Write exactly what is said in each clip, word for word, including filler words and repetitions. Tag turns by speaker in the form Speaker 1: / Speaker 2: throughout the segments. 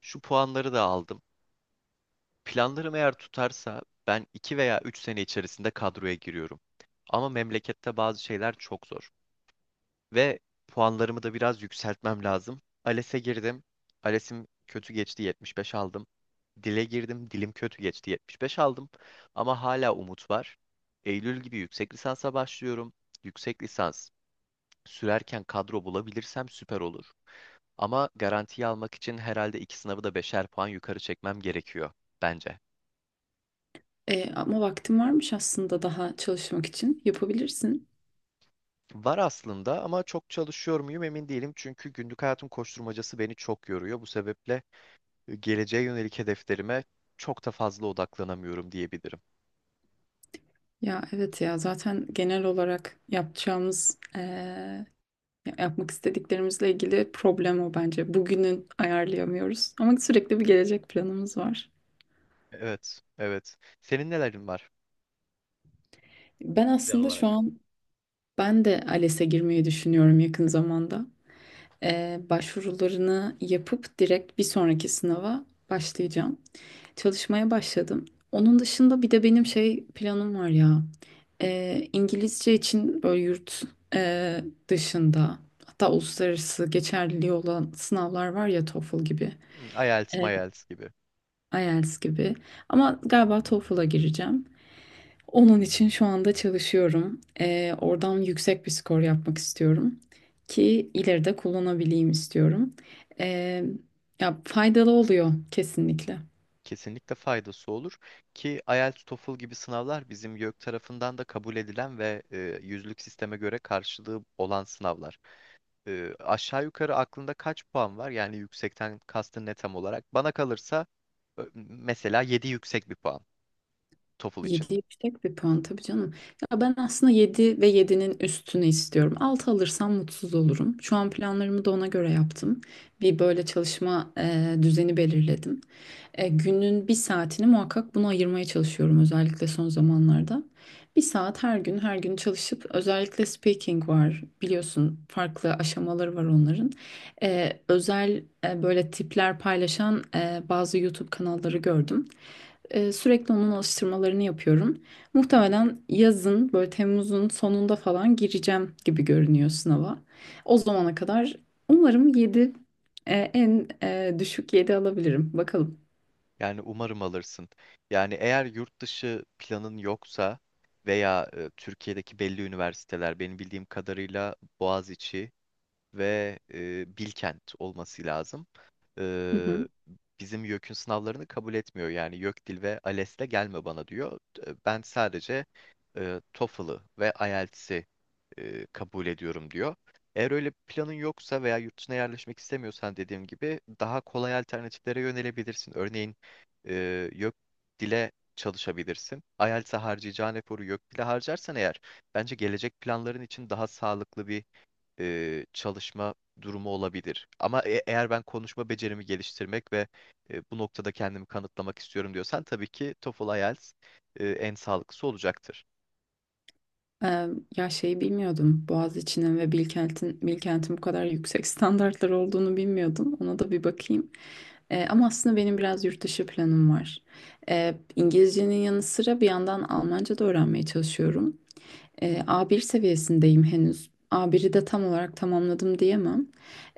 Speaker 1: Şu puanları da aldım. Planlarım eğer tutarsa ben iki veya üç sene içerisinde kadroya giriyorum. Ama memlekette bazı şeyler çok zor. Ve puanlarımı da biraz yükseltmem lazım. ALES'e girdim. ALES'im kötü geçti, yetmiş beş aldım. Dile girdim. Dilim kötü geçti, yetmiş beş aldım. Ama hala umut var. Eylül gibi yüksek lisansa başlıyorum. Yüksek lisans sürerken kadro bulabilirsem süper olur. Ama garantiyi almak için herhalde iki sınavı da beşer puan yukarı çekmem gerekiyor bence.
Speaker 2: E, ama vaktin varmış aslında daha çalışmak için. Yapabilirsin.
Speaker 1: Var aslında ama çok çalışıyor muyum emin değilim. Çünkü günlük hayatın koşturmacası beni çok yoruyor. Bu sebeple geleceğe yönelik hedeflerime çok da fazla odaklanamıyorum diyebilirim.
Speaker 2: Ya evet ya zaten genel olarak yapacağımız, e, yapmak istediklerimizle ilgili problem o bence. Bugünün ayarlayamıyoruz ama sürekli bir gelecek planımız var.
Speaker 1: Evet, evet. Senin nelerin var?
Speaker 2: Ben
Speaker 1: Plan
Speaker 2: aslında şu
Speaker 1: olarak.
Speaker 2: an ben de A L E S'e girmeyi düşünüyorum yakın zamanda. E, başvurularını yapıp direkt bir sonraki sınava başlayacağım. Çalışmaya başladım. Onun dışında bir de benim şey planım var ya. Ee, İngilizce için böyle yurt e, dışında hatta uluslararası geçerliliği olan sınavlar var ya TOEFL gibi,
Speaker 1: Hmm,
Speaker 2: e,
Speaker 1: IELTS, MYELTS gibi.
Speaker 2: IELTS gibi. Ama galiba TOEFL'a gireceğim. Onun için şu anda çalışıyorum. Ee, oradan yüksek bir skor yapmak istiyorum ki ileride kullanabileyim istiyorum. Ee, Ya faydalı oluyor kesinlikle.
Speaker 1: Kesinlikle faydası olur ki IELTS, TOEFL gibi sınavlar bizim YÖK tarafından da kabul edilen ve e, yüzlük sisteme göre karşılığı olan sınavlar. Ee, aşağı yukarı aklında kaç puan var? Yani yüksekten kastın ne tam olarak? Bana kalırsa ö- mesela yedi yüksek bir puan TOEFL için.
Speaker 2: yedi yüksek bir puan tabii canım. Ya ben aslında yedi ve yedi'nin üstünü istiyorum. altı alırsam mutsuz olurum. Şu an planlarımı da ona göre yaptım. Bir böyle çalışma e, düzeni belirledim. E, günün bir saatini muhakkak buna ayırmaya çalışıyorum özellikle son zamanlarda. Bir saat her gün her gün çalışıp özellikle speaking var biliyorsun farklı aşamaları var onların. E, özel e, böyle tipler paylaşan e, bazı YouTube kanalları gördüm. Ee, sürekli onun alıştırmalarını yapıyorum. Muhtemelen yazın böyle Temmuz'un sonunda falan gireceğim gibi görünüyor sınava. O zamana kadar umarım yedi, en e, düşük yedi alabilirim. Bakalım.
Speaker 1: Yani umarım alırsın. Yani eğer yurt dışı planın yoksa veya e, Türkiye'deki belli üniversiteler benim bildiğim kadarıyla Boğaziçi ve e, Bilkent olması lazım.
Speaker 2: Hı hı.
Speaker 1: E, bizim YÖK'ün sınavlarını kabul etmiyor. Yani YÖK Dil ve ALES'le gelme bana diyor. E, Ben sadece e, TOEFL'ı ve IELTS'i e, kabul ediyorum diyor. Eğer öyle bir planın yoksa veya yurt dışına yerleşmek istemiyorsan dediğim gibi daha kolay alternatiflere yönelebilirsin. Örneğin e, YÖK Dil'e çalışabilirsin. IELTS'e harcayacağın eforu YÖK Dil'e harcarsan eğer bence gelecek planların için daha sağlıklı bir e, çalışma durumu olabilir. Ama e- eğer ben konuşma becerimi geliştirmek ve e, bu noktada kendimi kanıtlamak istiyorum diyorsan tabii ki TOEFL IELTS e, en sağlıklısı olacaktır.
Speaker 2: Ee, Ya şeyi bilmiyordum. Boğaziçi'nin ve Bilkent'in Bilkent'in bu kadar yüksek standartlar olduğunu bilmiyordum. Ona da bir bakayım. Ee, ama aslında benim biraz yurt dışı planım var. Ee, İngilizcenin yanı sıra bir yandan Almanca da öğrenmeye çalışıyorum. E, a bir seviyesindeyim henüz. A biri de tam olarak tamamladım diyemem.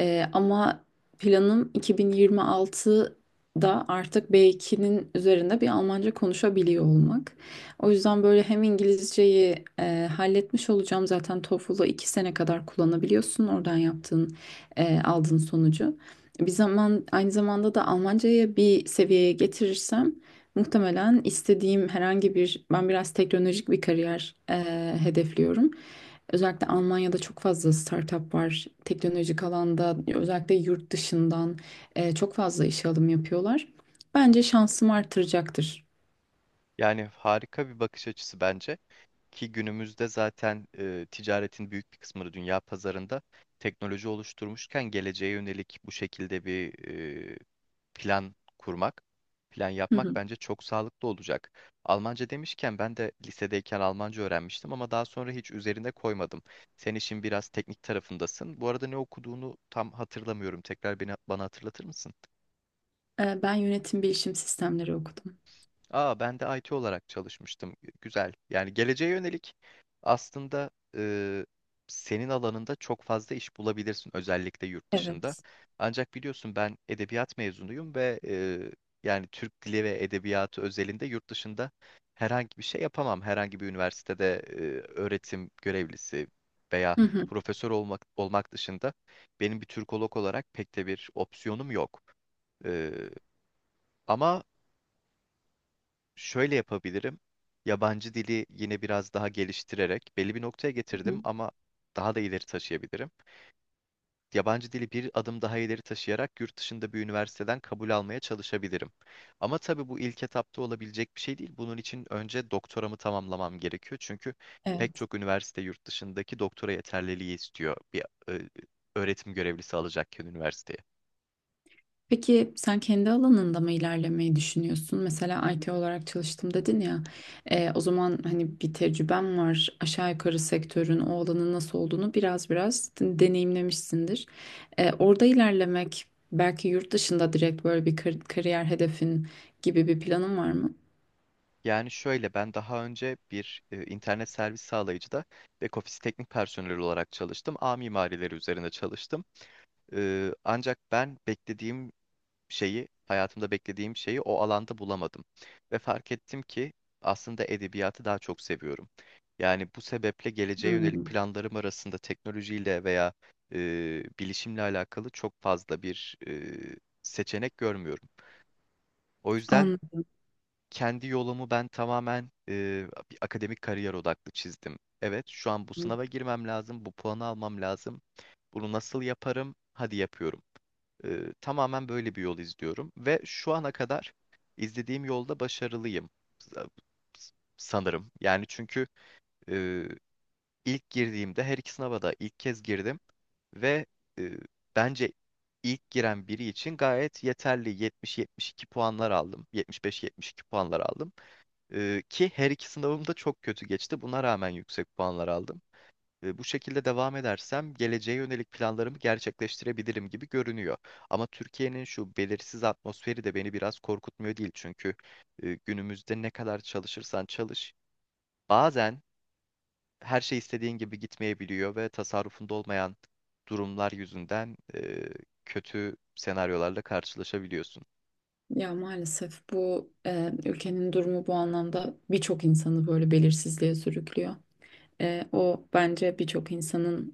Speaker 2: Ee, ama planım iki bin yirmi altıda artık be ikinin üzerinde bir Almanca konuşabiliyor olmak. O yüzden böyle hem İngilizceyi e, halletmiş olacağım. Zaten TOEFL'ı iki sene kadar kullanabiliyorsun oradan yaptığın, e, aldığın sonucu. Bir zaman aynı zamanda da Almancayı bir seviyeye getirirsem muhtemelen istediğim herhangi bir, ben biraz teknolojik bir kariyer e, hedefliyorum. Özellikle Almanya'da çok fazla startup var. Teknolojik alanda özellikle yurt dışından e, çok fazla işe alım yapıyorlar. Bence şansım artıracaktır.
Speaker 1: Yani harika bir bakış açısı bence. Ki günümüzde zaten e, ticaretin büyük bir kısmını dünya pazarında teknoloji oluşturmuşken geleceğe yönelik bu şekilde bir e, plan kurmak, plan
Speaker 2: Hı
Speaker 1: yapmak
Speaker 2: hı.
Speaker 1: bence çok sağlıklı olacak. Almanca demişken ben de lisedeyken Almanca öğrenmiştim ama daha sonra hiç üzerine koymadım. Sen işin biraz teknik tarafındasın. Bu arada ne okuduğunu tam hatırlamıyorum. Tekrar beni, bana hatırlatır mısın?
Speaker 2: E, ben yönetim bilişim sistemleri okudum.
Speaker 1: Aa, ben de I T olarak çalışmıştım. Güzel. Yani geleceğe yönelik aslında e, senin alanında çok fazla iş bulabilirsin özellikle yurt dışında.
Speaker 2: Evet.
Speaker 1: Ancak biliyorsun ben edebiyat mezunuyum ve e, yani Türk dili ve edebiyatı özelinde yurt dışında herhangi bir şey yapamam. Herhangi bir üniversitede e, öğretim görevlisi veya
Speaker 2: Hı hı.
Speaker 1: profesör olmak olmak dışında benim bir Türkolog olarak pek de bir opsiyonum yok. Ee, ama şöyle yapabilirim. Yabancı dili yine biraz daha geliştirerek belli bir noktaya
Speaker 2: Hı.
Speaker 1: getirdim ama daha da ileri taşıyabilirim. Yabancı dili bir adım daha ileri taşıyarak yurt dışında bir üniversiteden kabul almaya çalışabilirim. Ama tabii bu ilk etapta olabilecek bir şey değil. Bunun için önce doktoramı tamamlamam gerekiyor. Çünkü pek
Speaker 2: Evet.
Speaker 1: çok üniversite yurt dışındaki doktora yeterliliği istiyor bir e, öğretim görevlisi alacakken üniversiteye.
Speaker 2: Peki sen kendi alanında mı ilerlemeyi düşünüyorsun? Mesela I T olarak çalıştım dedin ya. E, o zaman hani bir tecrüben var. Aşağı yukarı sektörün o alanın nasıl olduğunu biraz biraz de- deneyimlemişsindir. E, orada ilerlemek belki yurt dışında direkt böyle bir kar- kariyer hedefin gibi bir planın var mı?
Speaker 1: Yani şöyle ben daha önce bir e, internet servis sağlayıcıda back office teknik personeli olarak çalıştım. Ağ mimarileri üzerine çalıştım. E, ancak ben beklediğim şeyi, hayatımda beklediğim şeyi o alanda bulamadım. Ve fark ettim ki aslında edebiyatı daha çok seviyorum. Yani bu sebeple geleceğe yönelik
Speaker 2: Hmm,
Speaker 1: planlarım arasında teknolojiyle veya e, bilişimle alakalı çok fazla bir e, seçenek görmüyorum. O yüzden
Speaker 2: anladım.
Speaker 1: kendi yolumu ben tamamen e, bir akademik kariyer odaklı çizdim. Evet, şu an bu sınava girmem lazım, bu puanı almam lazım. Bunu nasıl yaparım? Hadi yapıyorum. E, tamamen böyle bir yol izliyorum ve şu ana kadar izlediğim yolda başarılıyım sa- sanırım. Yani çünkü e, ilk girdiğimde her iki sınava da ilk kez girdim ve e, bence ilk giren biri için gayet yeterli yetmiş yetmiş iki puanlar aldım. yetmiş beş yetmiş iki puanlar aldım. Ee, ki her iki sınavım da çok kötü geçti. Buna rağmen yüksek puanlar aldım. Ee, bu şekilde devam edersem geleceğe yönelik planlarımı gerçekleştirebilirim gibi görünüyor. Ama Türkiye'nin şu belirsiz atmosferi de beni biraz korkutmuyor değil. Çünkü e, günümüzde ne kadar çalışırsan çalış, bazen her şey istediğin gibi gitmeyebiliyor ve tasarrufunda olmayan durumlar yüzünden e, kötü senaryolarla karşılaşabiliyorsun.
Speaker 2: Ya maalesef bu e, ülkenin durumu bu anlamda birçok insanı böyle belirsizliğe sürüklüyor. E, o bence birçok insanın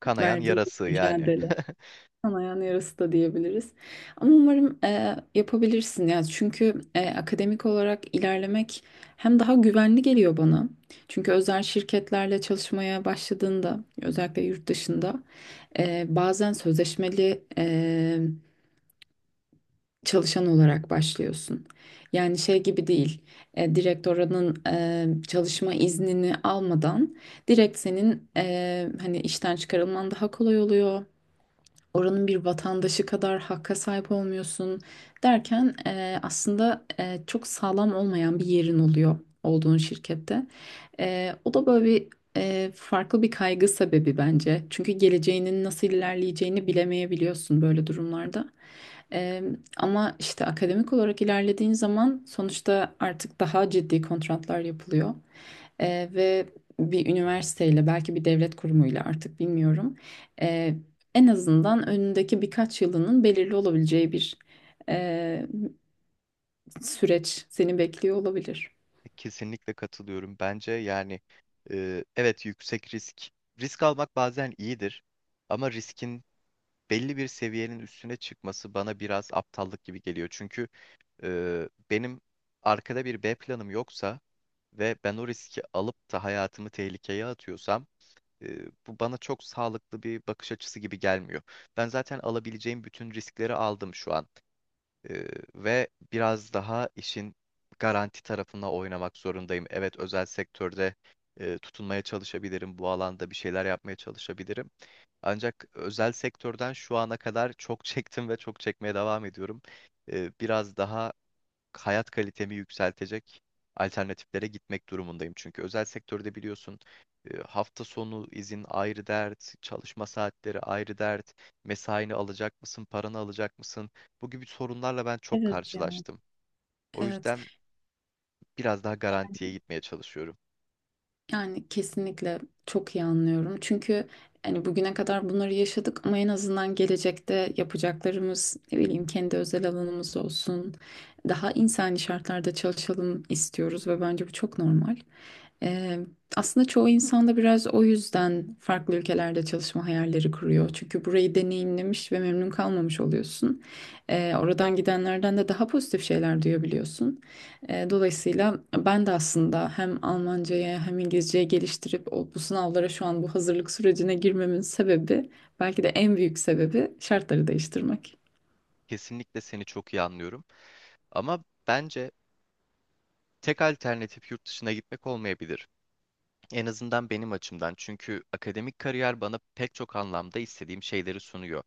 Speaker 1: Kanayan
Speaker 2: verdiği bir
Speaker 1: yarası yani.
Speaker 2: mücadele. Kanayan yarası da diyebiliriz. Ama umarım e, yapabilirsin ya. Çünkü e, akademik olarak ilerlemek hem daha güvenli geliyor bana. Çünkü özel şirketlerle çalışmaya başladığında özellikle yurt dışında e, bazen sözleşmeli e, çalışan olarak başlıyorsun. Yani şey gibi değil. E, direkt oranın e, çalışma iznini almadan direkt senin e, hani işten çıkarılman daha kolay oluyor, oranın bir vatandaşı kadar hakka sahip olmuyorsun derken e, aslında e, çok sağlam olmayan bir yerin oluyor olduğun şirkette. E, o da böyle bir e, farklı bir kaygı sebebi bence. Çünkü geleceğinin nasıl ilerleyeceğini bilemeyebiliyorsun böyle durumlarda. E, Ama işte akademik olarak ilerlediğin zaman sonuçta artık daha ciddi kontratlar yapılıyor. E, ve bir üniversiteyle belki bir devlet kurumuyla artık bilmiyorum. E, En azından önündeki birkaç yılının belirli olabileceği bir eee, süreç seni bekliyor olabilir.
Speaker 1: Kesinlikle katılıyorum. Bence yani e, evet, yüksek risk. Risk almak bazen iyidir ama riskin belli bir seviyenin üstüne çıkması bana biraz aptallık gibi geliyor. Çünkü e, benim arkada bir B planım yoksa ve ben o riski alıp da hayatımı tehlikeye atıyorsam e, bu bana çok sağlıklı bir bakış açısı gibi gelmiyor. Ben zaten alabileceğim bütün riskleri aldım şu an. Ee, ve biraz daha işin garanti tarafına oynamak zorundayım. Evet, özel sektörde e, tutunmaya çalışabilirim, bu alanda bir şeyler yapmaya çalışabilirim. Ancak özel sektörden şu ana kadar çok çektim ve çok çekmeye devam ediyorum. Ee, biraz daha hayat kalitemi yükseltecek alternatiflere gitmek durumundayım. Çünkü özel sektörde biliyorsun e, hafta sonu izin ayrı dert, çalışma saatleri ayrı dert, mesaini alacak mısın, paranı alacak mısın? Bu gibi sorunlarla ben çok
Speaker 2: Evet ya.
Speaker 1: karşılaştım. O
Speaker 2: Evet.
Speaker 1: yüzden biraz daha garantiye gitmeye çalışıyorum.
Speaker 2: Yani kesinlikle çok iyi anlıyorum. Çünkü hani bugüne kadar bunları yaşadık ama en azından gelecekte yapacaklarımız ne bileyim kendi özel alanımız olsun. Daha insani şartlarda çalışalım istiyoruz ve bence bu çok normal. Ee, Aslında çoğu insan da biraz o yüzden farklı ülkelerde çalışma hayalleri kuruyor. Çünkü burayı deneyimlemiş ve memnun kalmamış oluyorsun. Ee, oradan gidenlerden de daha pozitif şeyler duyabiliyorsun. E, Dolayısıyla ben de aslında hem Almanca'ya hem İngilizce'ye geliştirip o, bu sınavlara şu an bu hazırlık sürecine girmemin sebebi belki de en büyük sebebi şartları değiştirmek.
Speaker 1: Kesinlikle seni çok iyi anlıyorum. Ama bence tek alternatif yurt dışına gitmek olmayabilir. En azından benim açımdan. Çünkü akademik kariyer bana pek çok anlamda istediğim şeyleri sunuyor.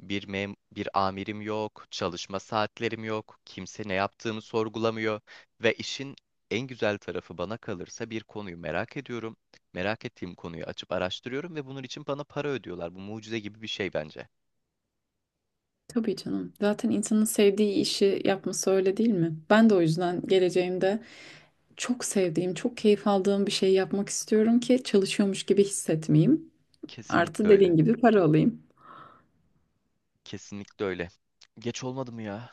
Speaker 1: Bir mem bir amirim yok, çalışma saatlerim yok, kimse ne yaptığımı sorgulamıyor ve işin en güzel tarafı bana kalırsa bir konuyu merak ediyorum. Merak ettiğim konuyu açıp araştırıyorum ve bunun için bana para ödüyorlar. Bu mucize gibi bir şey bence.
Speaker 2: Tabii canım. Zaten insanın sevdiği işi yapması öyle değil mi? Ben de o yüzden geleceğimde çok sevdiğim, çok keyif aldığım bir şey yapmak istiyorum ki çalışıyormuş gibi hissetmeyeyim. Artı
Speaker 1: Kesinlikle öyle.
Speaker 2: dediğin gibi para alayım.
Speaker 1: Kesinlikle öyle. Geç olmadı mı ya?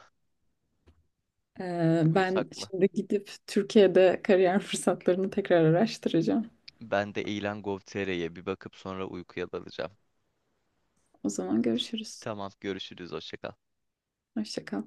Speaker 2: Ee, ben
Speaker 1: Uyusak mı?
Speaker 2: şimdi gidip Türkiye'de kariyer fırsatlarını tekrar araştıracağım.
Speaker 1: Ben de ilan nokta gov nokta te re'ye bir bakıp sonra uykuya dalacağım.
Speaker 2: O zaman görüşürüz.
Speaker 1: Tamam, görüşürüz. Hoşça kal.
Speaker 2: Hoşça kal.